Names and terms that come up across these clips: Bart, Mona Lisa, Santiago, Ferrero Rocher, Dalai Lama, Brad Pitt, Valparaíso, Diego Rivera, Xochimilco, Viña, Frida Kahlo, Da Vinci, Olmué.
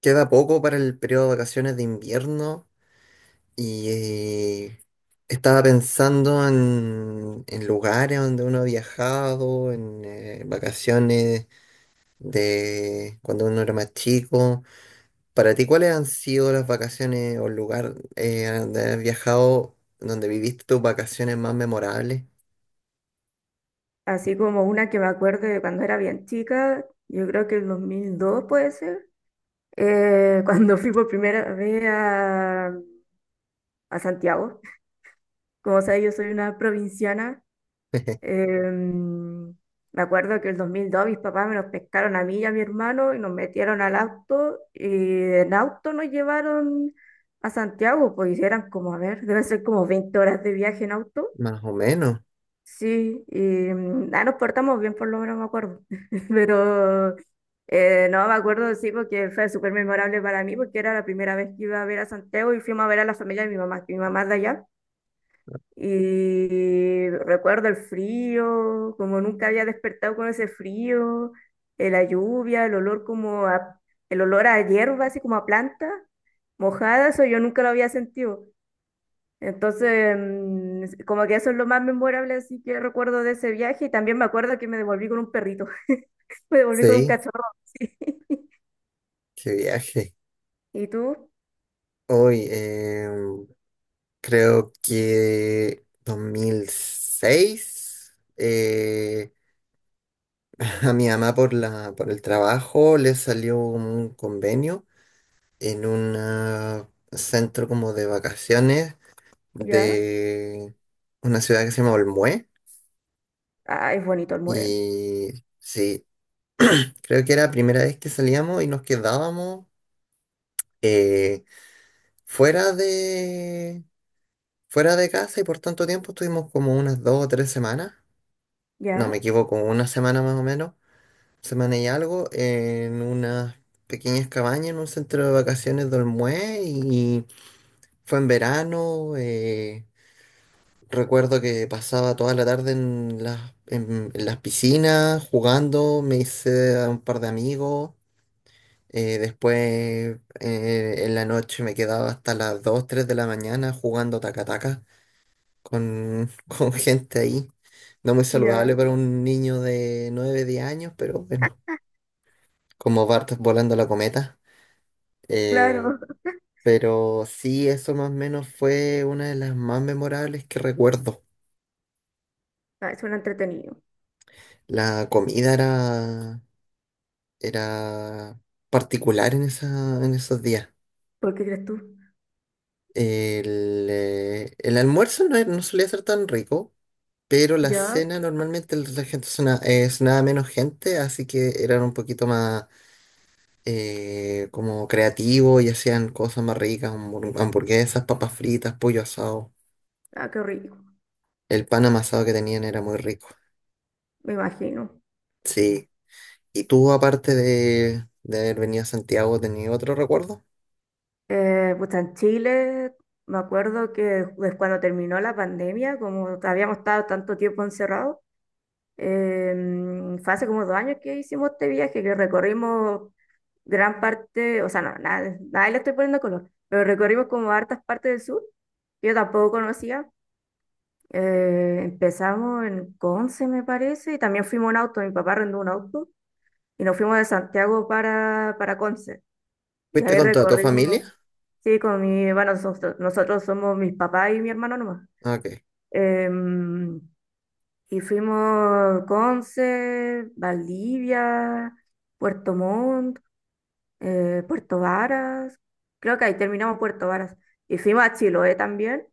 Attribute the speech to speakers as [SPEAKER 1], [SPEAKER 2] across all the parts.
[SPEAKER 1] Queda poco para el periodo de vacaciones de invierno y estaba pensando en lugares donde uno ha viajado, en vacaciones de cuando uno era más chico. Para ti, ¿cuáles han sido las vacaciones o el lugar a donde has viajado, donde viviste tus vacaciones más memorables?
[SPEAKER 2] Así como una que me acuerdo de cuando era bien chica, yo creo que el 2002 puede ser, cuando fui por primera vez a Santiago. Como sabes, yo soy una provinciana. em, Me acuerdo que el 2002 mis papás me los pescaron a mí y a mi hermano y nos metieron al auto y en auto nos llevaron a Santiago, pues y eran como, a ver, debe ser como 20 horas de viaje en auto.
[SPEAKER 1] Más o menos,
[SPEAKER 2] Sí, y nos portamos bien, por lo menos me acuerdo. Pero no me acuerdo, sí, porque fue súper memorable para mí, porque era la primera vez que iba a ver a Santiago y fuimos a ver a la familia de mi mamá, que mi mamá es de allá. Y recuerdo el frío, como nunca había despertado con ese frío, la lluvia, el olor como a, el olor a hierba, así como a planta mojada, eso yo nunca lo había sentido. Entonces, como que eso es lo más memorable, así que recuerdo de ese viaje y también me acuerdo que me devolví con un perrito, me devolví con un
[SPEAKER 1] sí,
[SPEAKER 2] cachorro. Sí.
[SPEAKER 1] qué viaje.
[SPEAKER 2] ¿Y tú?
[SPEAKER 1] Hoy, creo que 2006, a mi mamá por el trabajo le salió un convenio en un centro como de vacaciones
[SPEAKER 2] ¿Ya?
[SPEAKER 1] de una ciudad que se llama Olmué.
[SPEAKER 2] Ah, es bonito el mueve.
[SPEAKER 1] Y sí, creo que era la primera vez que salíamos y nos quedábamos eh, fuera de, fuera de casa y por tanto tiempo estuvimos como unas dos o tres semanas. No me
[SPEAKER 2] ¿Ya?
[SPEAKER 1] equivoco, una semana más o menos. Semana y algo en unas pequeñas cabañas en un centro de vacaciones de Olmué y fue en verano. Recuerdo que pasaba toda la tarde en las piscinas jugando, me hice a un par de amigos. Después en la noche me quedaba hasta las 2 3 de la mañana jugando taca-taca con, con gente ahí. No muy saludable
[SPEAKER 2] ¿Ya?
[SPEAKER 1] para un niño de 9 10 años, pero bueno, como Bart volando la cometa. Eh,
[SPEAKER 2] Claro.
[SPEAKER 1] pero sí, eso más o menos fue una de las más memorables que recuerdo.
[SPEAKER 2] Ah, suena entretenido.
[SPEAKER 1] La comida era particular en esos días.
[SPEAKER 2] ¿Por qué crees tú?
[SPEAKER 1] El almuerzo no, no solía ser tan rico, pero la
[SPEAKER 2] ¿Ya?
[SPEAKER 1] cena normalmente la gente sonaba, nada menos gente, así que eran un poquito más como creativos y hacían cosas más ricas, hamburguesas, papas fritas, pollo asado.
[SPEAKER 2] Ah, qué rico,
[SPEAKER 1] El pan amasado que tenían era muy rico.
[SPEAKER 2] me imagino.
[SPEAKER 1] Sí. ¿Y tú, aparte de haber venido a Santiago, tenías otro recuerdo?
[SPEAKER 2] Pues en Chile, me acuerdo que cuando terminó la pandemia, como habíamos estado tanto tiempo encerrados, fue hace como 2 años que hicimos este viaje, que recorrimos gran parte, o sea, no, nada, nada le estoy poniendo color, pero recorrimos como hartas partes del sur, que yo tampoco conocía. Empezamos en Conce, me parece, y también fuimos en auto, mi papá arrendó un auto, y nos fuimos de Santiago para Conce, y
[SPEAKER 1] ¿Fuiste
[SPEAKER 2] ahí
[SPEAKER 1] con toda tu
[SPEAKER 2] recorrimos,
[SPEAKER 1] familia?
[SPEAKER 2] sí, con mi, bueno, nosotros somos mis papás y mi hermano nomás.
[SPEAKER 1] Ah, OK.
[SPEAKER 2] Em, y fuimos Conce, Valdivia, Puerto Montt, Puerto Varas, creo que ahí terminamos Puerto Varas. Y fuimos a Chiloé también,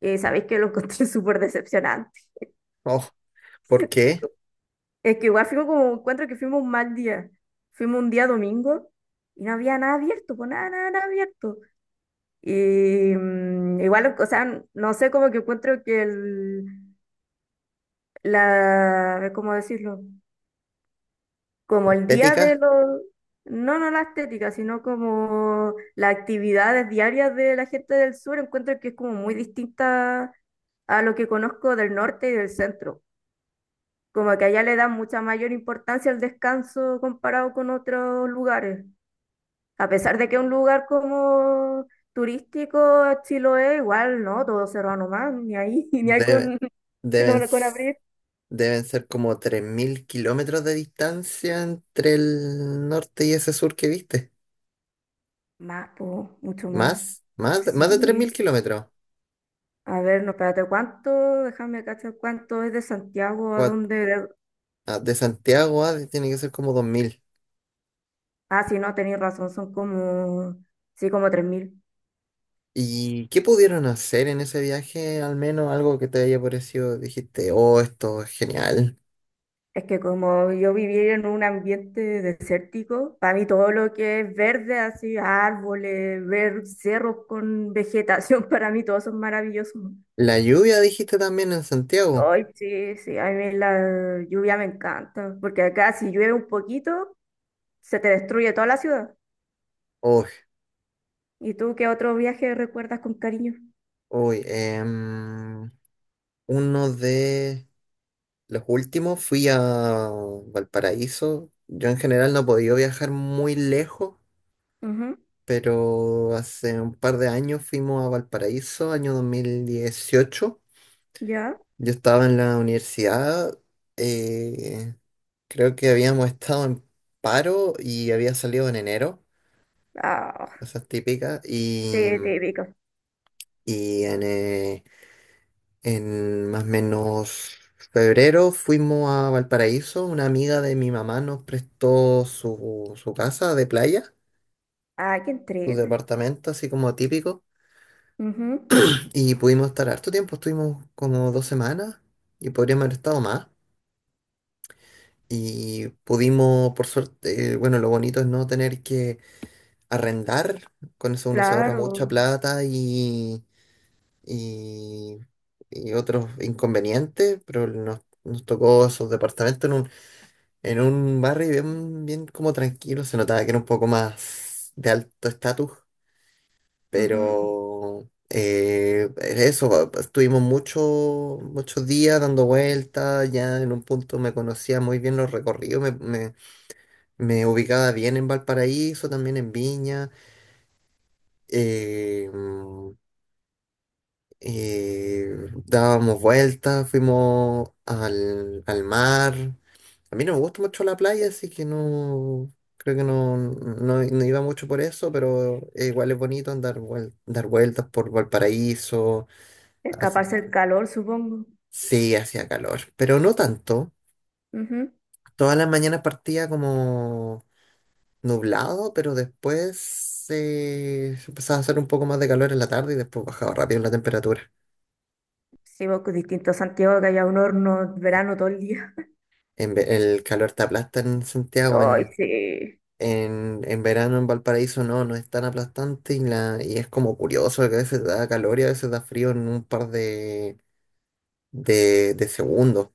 [SPEAKER 2] y sabéis que lo encontré súper decepcionante.
[SPEAKER 1] Oh, ¿por qué?
[SPEAKER 2] Es que igual fuimos como, encuentro que fuimos un mal día. Fuimos un día domingo y no había nada abierto, pues nada, nada, nada abierto. Y igual, o sea, no sé, como que encuentro que el, la, ¿cómo decirlo? Como el día de
[SPEAKER 1] Estética.
[SPEAKER 2] los, no, no la estética, sino como las actividades diarias de la gente del sur, encuentro que es como muy distinta a lo que conozco del norte y del centro. Como que allá le dan mucha mayor importancia al descanso comparado con otros lugares. A pesar de que un lugar como turístico, Chiloé, igual, ¿no? Todo cerrado nomás, ni ahí, ni hay
[SPEAKER 1] Debe-
[SPEAKER 2] con, que
[SPEAKER 1] deben,
[SPEAKER 2] no, con
[SPEAKER 1] s-
[SPEAKER 2] abrir.
[SPEAKER 1] Deben ser como 3.000 kilómetros de distancia entre el norte y ese sur que viste.
[SPEAKER 2] Más, po, mucho más.
[SPEAKER 1] ¿Más? ¿Más, más de tres
[SPEAKER 2] Sí.
[SPEAKER 1] mil kilómetros?
[SPEAKER 2] A ver, no, espérate, ¿cuánto? Déjame cachar cuánto es de Santiago a
[SPEAKER 1] Cuat-
[SPEAKER 2] dónde.
[SPEAKER 1] ¿De Santiago a tiene que ser como 2.000?
[SPEAKER 2] Ah, sí, no, tenéis razón, son como, sí, como 3.000.
[SPEAKER 1] ¿Y qué pudieron hacer en ese viaje? Al menos algo que te haya parecido, dijiste, oh, esto es genial.
[SPEAKER 2] Es que como yo viví en un ambiente desértico, para mí todo lo que es verde, así, árboles, ver cerros con vegetación, para mí todos son maravillosos.
[SPEAKER 1] La lluvia dijiste también en Santiago.
[SPEAKER 2] Ay, sí, sí, a mí la lluvia me encanta, porque acá si llueve un poquito, se te destruye toda la ciudad.
[SPEAKER 1] Uy,
[SPEAKER 2] ¿Y tú qué otro viaje recuerdas con cariño?
[SPEAKER 1] uy, uno de los últimos fui a Valparaíso. Yo en general no he podido viajar muy lejos,
[SPEAKER 2] Ujú.
[SPEAKER 1] pero hace un par de años fuimos a Valparaíso, año 2018.
[SPEAKER 2] ¿Ya?
[SPEAKER 1] Yo estaba en la universidad, eh, creo que habíamos estado en paro y había salido en enero,
[SPEAKER 2] Ah,
[SPEAKER 1] cosas típicas, y...
[SPEAKER 2] sí, típico.
[SPEAKER 1] Y en, eh, En más o menos febrero fuimos a Valparaíso. Una amiga de mi mamá nos prestó su casa de playa,
[SPEAKER 2] Ay, qué
[SPEAKER 1] su
[SPEAKER 2] triste.
[SPEAKER 1] departamento, así como típico.
[SPEAKER 2] Ujú,
[SPEAKER 1] Y pudimos estar harto tiempo, estuvimos como 2 semanas y podríamos haber estado más. Y pudimos, por suerte, bueno, lo bonito es no tener que arrendar, con eso uno se ahorra mucha
[SPEAKER 2] claro.
[SPEAKER 1] plata y, y, otros inconvenientes, pero nos tocó esos departamentos en un barrio bien, bien como tranquilo, se notaba que era un poco más de alto estatus,
[SPEAKER 2] Ujú.
[SPEAKER 1] pero eso, estuvimos muchos días dando vueltas, ya en un punto me conocía muy bien los recorridos, me ubicaba bien en Valparaíso, también en Viña, eh, mm, dábamos vueltas, fuimos al mar. A mí no me gusta mucho la playa, así que no, creo que no, no, no iba mucho por eso, pero igual es bonito andar dar vueltas por Valparaíso, a pesar de
[SPEAKER 2] Escaparse
[SPEAKER 1] que
[SPEAKER 2] el calor, supongo.
[SPEAKER 1] sí hacía calor, pero no tanto.
[SPEAKER 2] Ujú.
[SPEAKER 1] Todas las mañanas partía como nublado, pero después empezaba a hacer un poco más de calor en la tarde y después bajaba rápido la temperatura.
[SPEAKER 2] Sí, vos con distintos Santiago que haya un horno verano todo el día.
[SPEAKER 1] El calor te aplasta en Santiago.
[SPEAKER 2] Ay, sí.
[SPEAKER 1] En verano en Valparaíso no, no es tan aplastante y, y es como curioso que a veces da calor y a veces da frío en un par de segundos.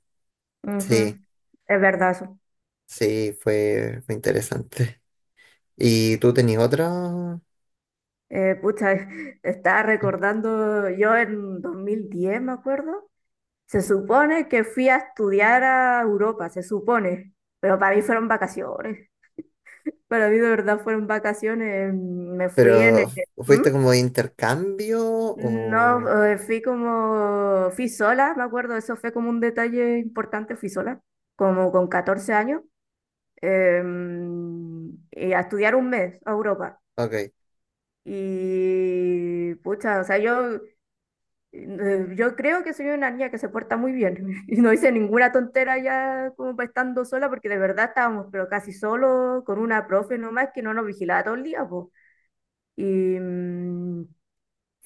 [SPEAKER 2] Ujú.
[SPEAKER 1] Sí,
[SPEAKER 2] Es verdad eso.
[SPEAKER 1] sí, fue interesante. ¿Y tú tenías otra?
[SPEAKER 2] Pucha, estaba recordando, yo en 2010, me acuerdo, se supone que fui a estudiar a Europa, se supone, pero para mí fueron vacaciones. Para mí de verdad fueron vacaciones. Me fui en
[SPEAKER 1] ¿Pero
[SPEAKER 2] el... ¿Mm?
[SPEAKER 1] fuiste como de intercambio o...?
[SPEAKER 2] No, fui como, fui sola, me acuerdo, eso fue como un detalle importante, fui sola, como con 14 años, y a estudiar un mes a Europa.
[SPEAKER 1] OK.
[SPEAKER 2] Y pucha, o sea, yo, yo creo que soy una niña que se porta muy bien y no hice ninguna tontera ya como pa' estando sola, porque de verdad estábamos, pero casi solo, con una profe nomás que no nos vigilaba todo el día, pues. Y, mm,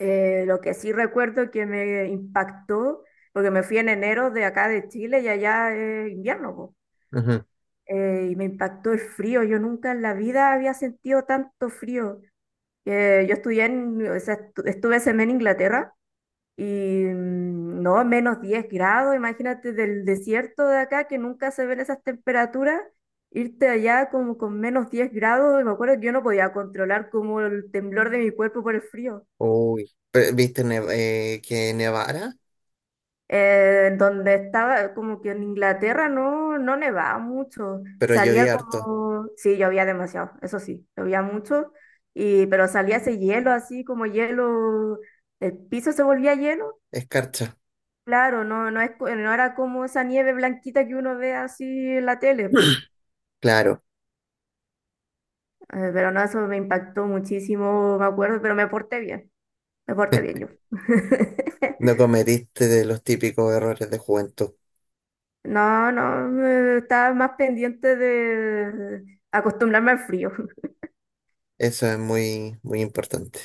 [SPEAKER 2] Eh, lo que sí recuerdo que me impactó, porque me fui en enero de acá de Chile y allá es invierno, po.
[SPEAKER 1] Ujú.
[SPEAKER 2] Y me impactó el frío. Yo nunca en la vida había sentido tanto frío. Yo estudié en, o sea, estuve ese mes en Inglaterra y no, -10 grados, imagínate del desierto de acá que nunca se ven esas temperaturas. Irte allá como con -10 grados, y me acuerdo que yo no podía controlar como el temblor de mi cuerpo por el frío.
[SPEAKER 1] Uy. ¿Viste que nevara?
[SPEAKER 2] Donde estaba, como que en Inglaterra no, no nevaba mucho.
[SPEAKER 1] Pero
[SPEAKER 2] Salía
[SPEAKER 1] llovía harto.
[SPEAKER 2] como, sí, llovía demasiado, eso sí, llovía mucho, y, pero salía ese hielo así como hielo, el piso se volvía hielo.
[SPEAKER 1] Escarcha.
[SPEAKER 2] Claro, no, no, es, no era como esa nieve blanquita que uno ve así en la tele, po.
[SPEAKER 1] Claro,
[SPEAKER 2] Pero no, eso me impactó muchísimo, me acuerdo, pero me porté bien yo.
[SPEAKER 1] no cometiste de los típicos errores de juventud.
[SPEAKER 2] No, no, estaba más pendiente de acostumbrarme al frío.
[SPEAKER 1] Eso es muy, muy importante.